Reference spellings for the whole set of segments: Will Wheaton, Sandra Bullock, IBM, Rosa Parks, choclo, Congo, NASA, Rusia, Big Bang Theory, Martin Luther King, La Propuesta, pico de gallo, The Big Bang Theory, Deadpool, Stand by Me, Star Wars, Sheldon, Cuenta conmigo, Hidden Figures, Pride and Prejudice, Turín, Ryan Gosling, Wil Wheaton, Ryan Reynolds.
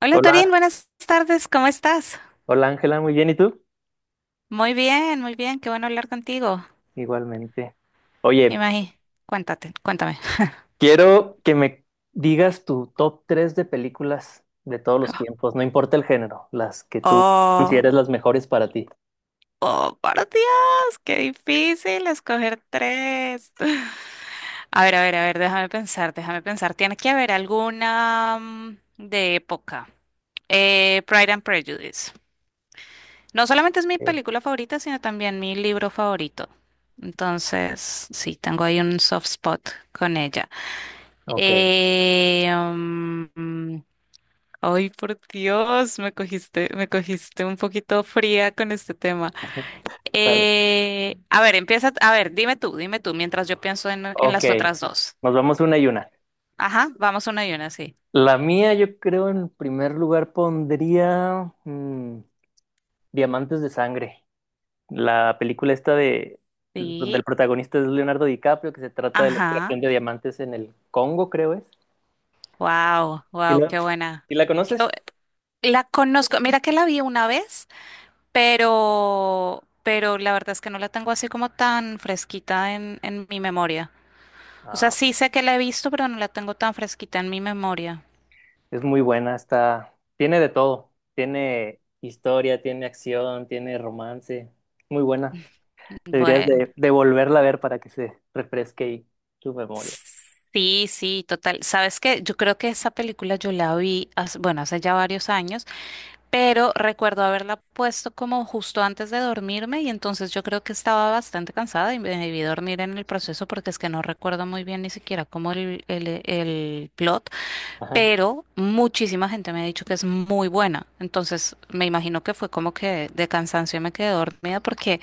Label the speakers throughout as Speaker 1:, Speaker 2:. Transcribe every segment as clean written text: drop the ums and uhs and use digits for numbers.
Speaker 1: Hola
Speaker 2: Hola,
Speaker 1: Torín, buenas tardes, ¿cómo estás?
Speaker 2: hola Ángela, muy bien, ¿y tú?
Speaker 1: Muy bien, qué bueno hablar contigo.
Speaker 2: Igualmente. Oye,
Speaker 1: Imagi, cuéntate, cuéntame.
Speaker 2: quiero que me digas tu top 3 de películas de todos los tiempos, no importa el género, las que tú consideres
Speaker 1: Oh,
Speaker 2: las mejores para ti.
Speaker 1: oh, por Dios, qué difícil escoger tres. A ver, a ver, a ver, déjame pensar, déjame pensar. Tiene que haber alguna de época. Pride and Prejudice. No solamente es mi
Speaker 2: Eh,
Speaker 1: película favorita, sino también mi libro favorito. Entonces, sí, tengo ahí un soft spot con ella.
Speaker 2: Ok,
Speaker 1: Eh, mm, Ay, por Dios, me cogiste un poquito fría con este tema.
Speaker 2: vale.
Speaker 1: A ver, empieza, a ver, dime tú, mientras yo pienso en
Speaker 2: Ok,
Speaker 1: las otras dos.
Speaker 2: nos vamos una y una.
Speaker 1: Ajá, vamos una y una, sí.
Speaker 2: La mía, yo creo, en primer lugar pondría Diamantes de Sangre, la película esta de donde el
Speaker 1: Sí,
Speaker 2: protagonista es Leonardo DiCaprio, que se trata de la
Speaker 1: ajá.
Speaker 2: extracción de diamantes en el Congo, creo es.
Speaker 1: Wow,
Speaker 2: ¿Sí
Speaker 1: wow,
Speaker 2: la,
Speaker 1: qué buena.
Speaker 2: sí la
Speaker 1: Qué bu-
Speaker 2: conoces?
Speaker 1: la conozco, mira que la vi una vez, pero la verdad es que no la tengo así como tan fresquita en mi memoria. O
Speaker 2: Ah,
Speaker 1: sea, sí
Speaker 2: ok.
Speaker 1: sé que la he visto, pero no la tengo tan fresquita en mi memoria.
Speaker 2: Es muy buena, está, tiene de todo, tiene historia, tiene acción, tiene romance, muy buena. Deberías
Speaker 1: Bueno.
Speaker 2: de, de volverla a ver para que se refresque ahí tu memoria.
Speaker 1: Sí, sí, total. Sabes que yo creo que esa película yo la vi, hace- bueno, hace ya varios años, pero recuerdo haberla puesto como justo antes de dormirme y entonces yo creo que estaba bastante cansada y me debí dormir en el proceso porque es que no recuerdo muy bien ni siquiera como el plot,
Speaker 2: Ajá.
Speaker 1: pero muchísima gente me ha dicho que es muy buena. Entonces, me imagino que fue como que de cansancio me quedé dormida porque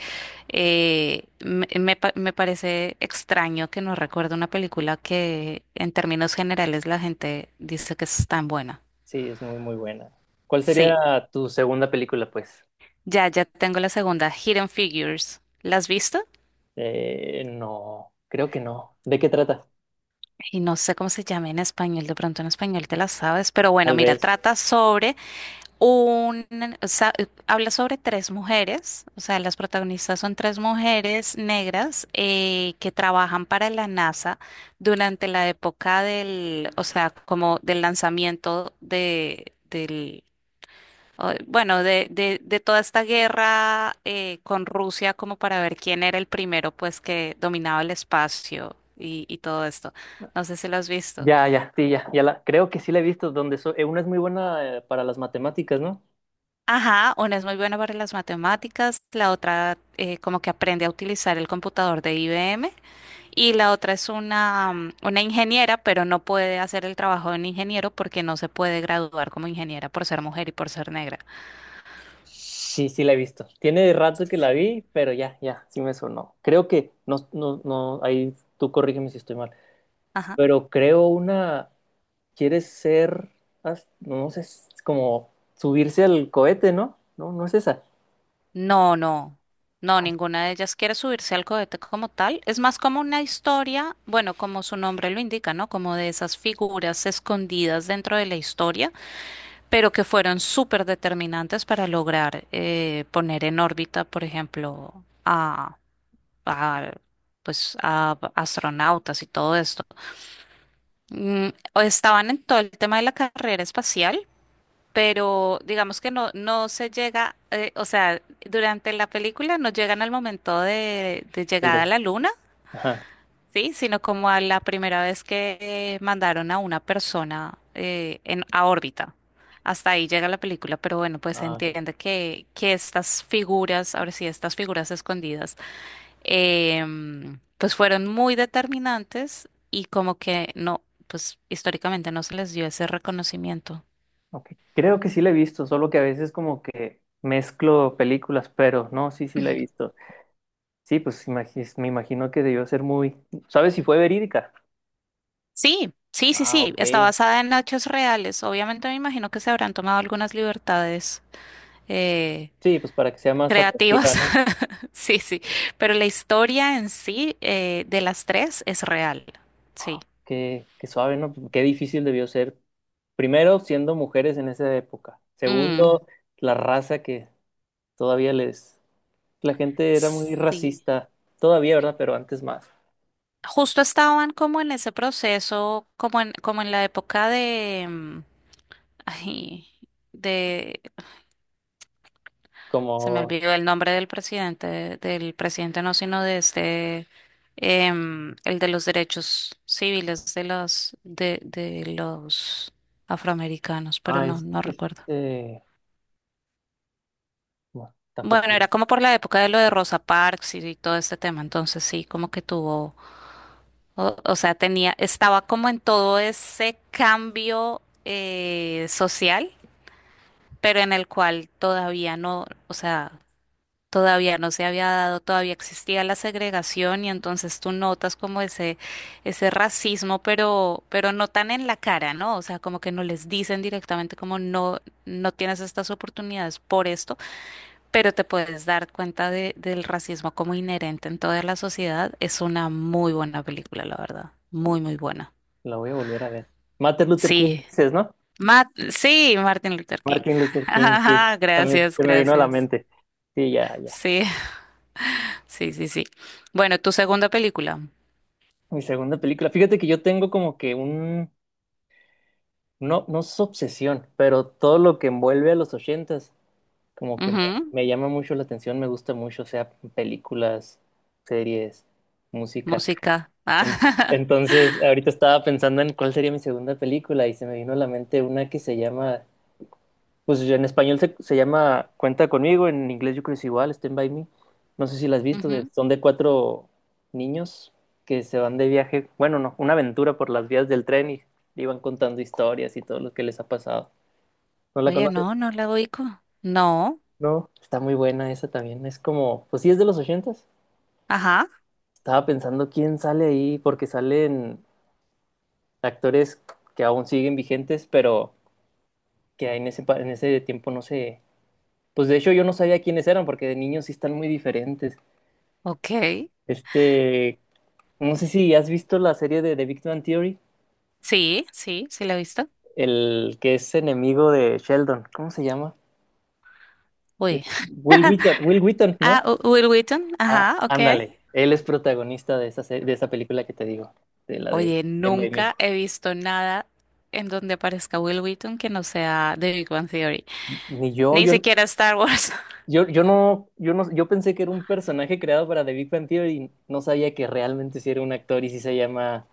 Speaker 1: me pa- me parece extraño que no recuerde una película que en términos generales la gente dice que es tan buena.
Speaker 2: Sí, es muy, muy buena. ¿Cuál sería
Speaker 1: Sí,
Speaker 2: tu segunda película, pues?
Speaker 1: ya, ya tengo la segunda, Hidden Figures. ¿La has visto?
Speaker 2: No, creo que no. ¿De qué trata?
Speaker 1: Y no sé cómo se llama en español, de pronto en español te la sabes, pero bueno,
Speaker 2: Tal
Speaker 1: mira,
Speaker 2: vez.
Speaker 1: trata sobre Un, o sea, habla sobre tres mujeres, o sea, las protagonistas son tres mujeres negras que trabajan para la NASA durante la época del, o sea, como del lanzamiento o- bueno, de toda esta guerra con Rusia, como para ver quién era el primero, pues, que dominaba el espacio y todo esto. No sé si lo has visto.
Speaker 2: Creo que sí la he visto, donde una es muy buena para las matemáticas, ¿no?
Speaker 1: Ajá, una es muy buena para las matemáticas, la otra como que aprende a utilizar el computador de IBM y la otra es una, una ingeniera, pero no puede hacer el trabajo de un ingeniero porque no se puede graduar como ingeniera por ser mujer y por ser negra.
Speaker 2: Sí, sí la he visto. Tiene rato que
Speaker 1: Sí.
Speaker 2: la vi, pero ya, ya, sí me sonó. Creo que, no, no, no, ahí tú corrígeme si estoy mal,
Speaker 1: Ajá.
Speaker 2: pero creo una, quiere ser, no sé, es como subirse al cohete, ¿no? No, no es esa.
Speaker 1: No, no, no,
Speaker 2: Ay,
Speaker 1: ninguna de ellas quiere subirse al cohete como tal. Es más como una historia, bueno, como su nombre lo indica, ¿no? Como de esas figuras escondidas dentro de la historia pero que fueron súper determinantes para lograr poner en órbita, por ejemplo, a, a, pues, a astronautas y todo esto. Mm, o estaban en todo el tema de la carrera espacial, pero digamos que no, no se llega, o sea, durante la película no llegan al momento de
Speaker 2: tal
Speaker 1: llegada a
Speaker 2: vez.
Speaker 1: la luna.
Speaker 2: Ajá.
Speaker 1: Sí, sino como a la primera vez que mandaron a una persona a órbita. Hasta ahí llega la película, pero bueno, pues se
Speaker 2: Ah, ok.
Speaker 1: entiende que estas figuras, ahora sí, estas figuras escondidas, pues fueron muy determinantes y como que no, pues históricamente no se les dio ese reconocimiento.
Speaker 2: Ok. Creo que sí la he visto, solo que a veces como que mezclo películas, pero no, sí, sí la he visto. Sí, pues me imagino que debió ser muy, ¿sabes si fue verídica?
Speaker 1: Sí, sí, sí,
Speaker 2: Ah,
Speaker 1: sí, está
Speaker 2: ok.
Speaker 1: basada en hechos reales. Obviamente me imagino que se habrán tomado algunas libertades eh,
Speaker 2: Sí, pues para que sea más
Speaker 1: creativas.
Speaker 2: atractiva, ¿no?
Speaker 1: Sí, sí. Pero la historia en sí de las tres es real. Sí.
Speaker 2: Qué, qué suave, ¿no? Qué difícil debió ser. Primero, siendo mujeres en esa época.
Speaker 1: Mm,
Speaker 2: Segundo, la raza que todavía les... La gente era muy
Speaker 1: sí.
Speaker 2: racista. Todavía, ¿verdad? Pero antes más.
Speaker 1: Justo estaban como en ese proceso, como en, como en la época de, ay, de, se me
Speaker 2: Como...
Speaker 1: olvidó el nombre del presidente no, sino de este, el de los derechos civiles de los afroamericanos, pero
Speaker 2: Ah,
Speaker 1: no,
Speaker 2: es-
Speaker 1: no
Speaker 2: es-
Speaker 1: recuerdo.
Speaker 2: eh, Bueno,
Speaker 1: Bueno,
Speaker 2: tampoco
Speaker 1: era como por la época de lo de Rosa Parks y todo este tema, entonces sí, como que tuvo, o sea, tenía, estaba como en todo ese cambio social, pero en el cual todavía no, o sea, todavía no se había dado, todavía existía la segregación y entonces tú notas como ese racismo, pero no tan en la cara, ¿no? O sea, como que no les dicen directamente como no, no tienes estas oportunidades por esto pero te puedes dar cuenta de- del racismo como inherente en toda la sociedad. Es una muy buena película, la verdad. Muy, muy buena.
Speaker 2: la voy a volver a ver. Martin Luther King,
Speaker 1: Sí.
Speaker 2: dices, ¿no?
Speaker 1: Ma- sí, Martin Luther King.
Speaker 2: Martin Luther King, sí.
Speaker 1: Ajá,
Speaker 2: También
Speaker 1: gracias,
Speaker 2: se me vino a la
Speaker 1: gracias.
Speaker 2: mente. Sí, ya, ya.
Speaker 1: Sí, sí, sí, sí. Bueno, tu segunda película.
Speaker 2: Mi segunda película. Fíjate que yo tengo como que un no, no es obsesión, pero todo lo que envuelve a los ochentas, como que
Speaker 1: Ujú,
Speaker 2: me llama mucho la atención, me gusta mucho, o sea películas, series, música.
Speaker 1: música.
Speaker 2: En-
Speaker 1: Ah,
Speaker 2: Entonces, ahorita estaba pensando en cuál sería mi segunda película y se me vino a la mente una que se llama, pues en español se llama Cuenta conmigo, en inglés yo creo que es igual, Stand by Me. No sé si la has visto,
Speaker 1: ujú.
Speaker 2: son de cuatro niños que se van de viaje, bueno, no, una aventura por las vías del tren y iban contando historias y todo lo que les ha pasado. ¿No la
Speaker 1: Oye,
Speaker 2: conoces?
Speaker 1: no, no la ubico. No.
Speaker 2: No, está muy buena esa también. Es como, pues sí, es de los ochentas.
Speaker 1: Ajá.
Speaker 2: Estaba pensando quién sale ahí, porque salen actores que aún siguen vigentes, pero que en en ese tiempo no sé. Pues de hecho yo no sabía quiénes eran, porque de niños sí están muy diferentes.
Speaker 1: Ok.
Speaker 2: Este, no sé si has visto la serie de The Big Bang Theory,
Speaker 1: Sí, sí, sí la he visto.
Speaker 2: el que es enemigo de Sheldon. ¿Cómo se llama?
Speaker 1: Uy.
Speaker 2: Es Will Wheaton, ¿no?
Speaker 1: Ah, U- Will Wheaton.
Speaker 2: Ah,
Speaker 1: Ajá, ok.
Speaker 2: ándale, él es protagonista de esa, de esa película que te digo, de la de
Speaker 1: Oye,
Speaker 2: Stand By Me.
Speaker 1: nunca he visto nada en donde aparezca Will Wheaton que no sea de Big Bang Theory.
Speaker 2: Ni yo,
Speaker 1: Ni
Speaker 2: yo,
Speaker 1: siquiera Star Wars.
Speaker 2: yo, yo no, yo no, yo pensé que era un personaje creado para The Big Bang Theory y no sabía que realmente sí era un actor y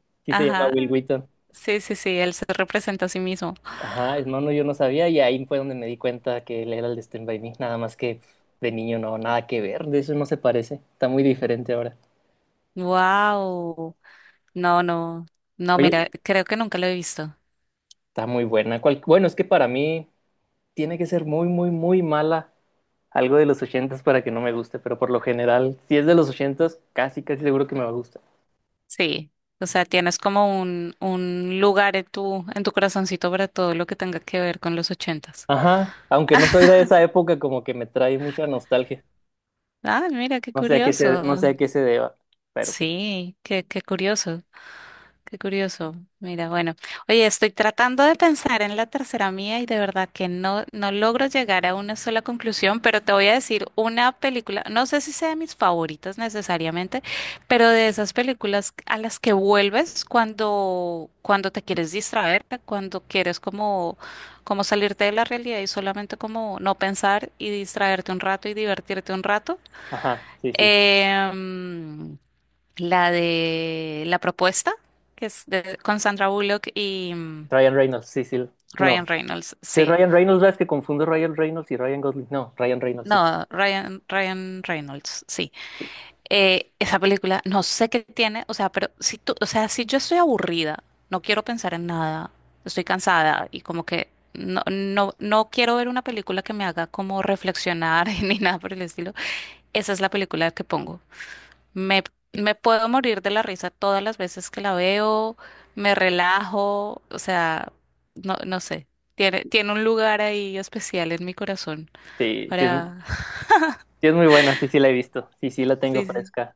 Speaker 2: sí se llama
Speaker 1: Ajá.
Speaker 2: Will Wheaton.
Speaker 1: Sí, sí, sí, él se representa a sí mismo.
Speaker 2: Ajá, no, no, yo no sabía y ahí fue donde me di cuenta que él era el de Stand By Me, nada más que de niño no, nada que ver, de eso no se parece, está muy diferente ahora.
Speaker 1: Wow. No, no. No, mira,
Speaker 2: Oye,
Speaker 1: creo que nunca lo he visto.
Speaker 2: está muy buena. Bueno, es que para mí tiene que ser muy, muy, muy mala algo de los ochentas para que no me guste, pero por lo general, si es de los ochentas, casi, casi seguro que me va a gustar.
Speaker 1: Sí. O sea, tienes como un lugar en tu corazoncito para todo lo que tenga que ver con los ochentas.
Speaker 2: Ajá, aunque no soy de esa época, como que me trae mucha nostalgia.
Speaker 1: Ah, mira, qué
Speaker 2: No sé a qué se, no sé
Speaker 1: curioso.
Speaker 2: a qué se deba, pero pues,
Speaker 1: Sí, qué, qué curioso. Qué curioso. Mira, bueno, oye, estoy tratando de pensar en la tercera mía y de verdad que no, no logro llegar a una sola conclusión, pero te voy a decir una película, no sé si sea de mis favoritas necesariamente, pero de esas películas a las que vuelves cuando, cuando te quieres distraerte, cuando quieres como, como salirte de la realidad y solamente como no pensar y distraerte un rato y divertirte un rato.
Speaker 2: ajá, sí, sí.
Speaker 1: Em, la de La Propuesta, que es de- con Sandra Bullock y
Speaker 2: Ryan Reynolds, sí, sí.
Speaker 1: Ryan
Speaker 2: No.
Speaker 1: Reynolds,
Speaker 2: Si es
Speaker 1: sí.
Speaker 2: Ryan Reynolds, ves que confundo Ryan Reynolds y Ryan Gosling. No, Ryan Reynolds, sí.
Speaker 1: No, Ryan Reynolds, sí. Esa película, no sé qué tiene, o sea, pero si tú, o sea, si yo estoy aburrida, no quiero pensar en nada, estoy cansada y como que no, no, no quiero ver una película que me haga como reflexionar ni nada por el estilo, esa es la película que pongo. Me, me puedo morir de la risa todas las veces que la veo, me relajo, o sea, no, no sé. Tiene un lugar ahí especial en mi corazón
Speaker 2: Sí, sí
Speaker 1: para...
Speaker 2: es muy buena, sí, sí la he visto. Sí, sí la tengo
Speaker 1: Sí, sí.
Speaker 2: fresca.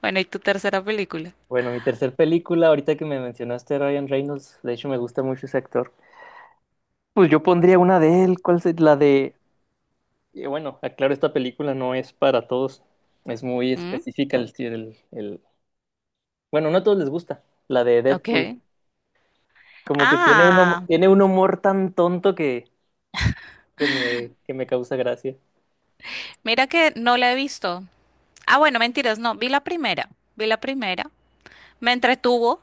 Speaker 1: Bueno, ¿y tu tercera película?
Speaker 2: Bueno, mi tercer película, ahorita que me mencionaste a Ryan Reynolds, de hecho me gusta mucho ese actor. Pues yo pondría una de él, ¿cuál es la de y bueno, aclaro, esta película no es para todos. Es muy
Speaker 1: ¿Mm?
Speaker 2: específica el, si, el- bueno, no a todos les gusta, la de Deadpool.
Speaker 1: Ok.
Speaker 2: Como que tiene un,
Speaker 1: Ah,
Speaker 2: tiene un humor tan tonto que me causa gracia.
Speaker 1: mira que no la he visto. Ah, bueno, mentiras, no, vi la primera, me entretuvo,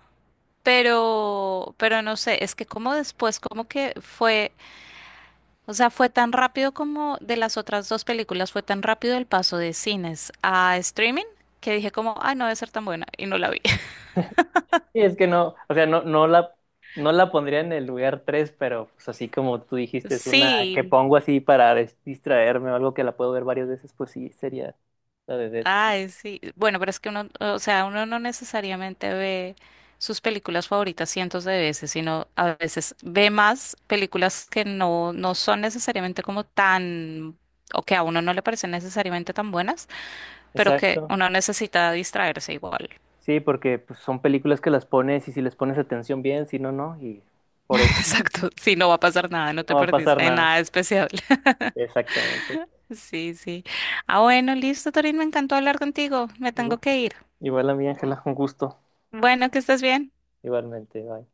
Speaker 1: pero no sé, es que como después, como que fue. O sea, fue tan rápido como de las otras dos películas, fue tan rápido el paso de cines a streaming que dije como, ay, no debe ser tan buena y no la vi.
Speaker 2: Y es que no, o sea, no la pondría en el lugar 3 pero pues así como tú dijiste, es una que
Speaker 1: Sí,
Speaker 2: pongo así para distraerme o algo que la puedo ver varias veces, pues sí, sería la de Deadpool.
Speaker 1: ay, sí. Bueno, pero es que uno, o sea, uno no necesariamente ve sus películas favoritas 100s de veces, sino a veces ve más películas que no, no son necesariamente como tan, o que a uno no le parecen necesariamente tan buenas, pero que
Speaker 2: Exacto.
Speaker 1: uno necesita distraerse igual.
Speaker 2: Sí, porque pues, son películas que las pones y si les pones atención bien, si no, no. Y por eso
Speaker 1: Exacto, si no va a pasar nada, no
Speaker 2: no
Speaker 1: te
Speaker 2: va a pasar
Speaker 1: perdiste de
Speaker 2: nada.
Speaker 1: nada especial.
Speaker 2: Exactamente.
Speaker 1: Sí, sí. Ah, bueno, listo, Torín, me encantó hablar contigo. Me tengo
Speaker 2: Igu-
Speaker 1: que ir.
Speaker 2: Igual a mi Ángela, un gusto.
Speaker 1: Bueno, que estés bien.
Speaker 2: Igualmente, bye.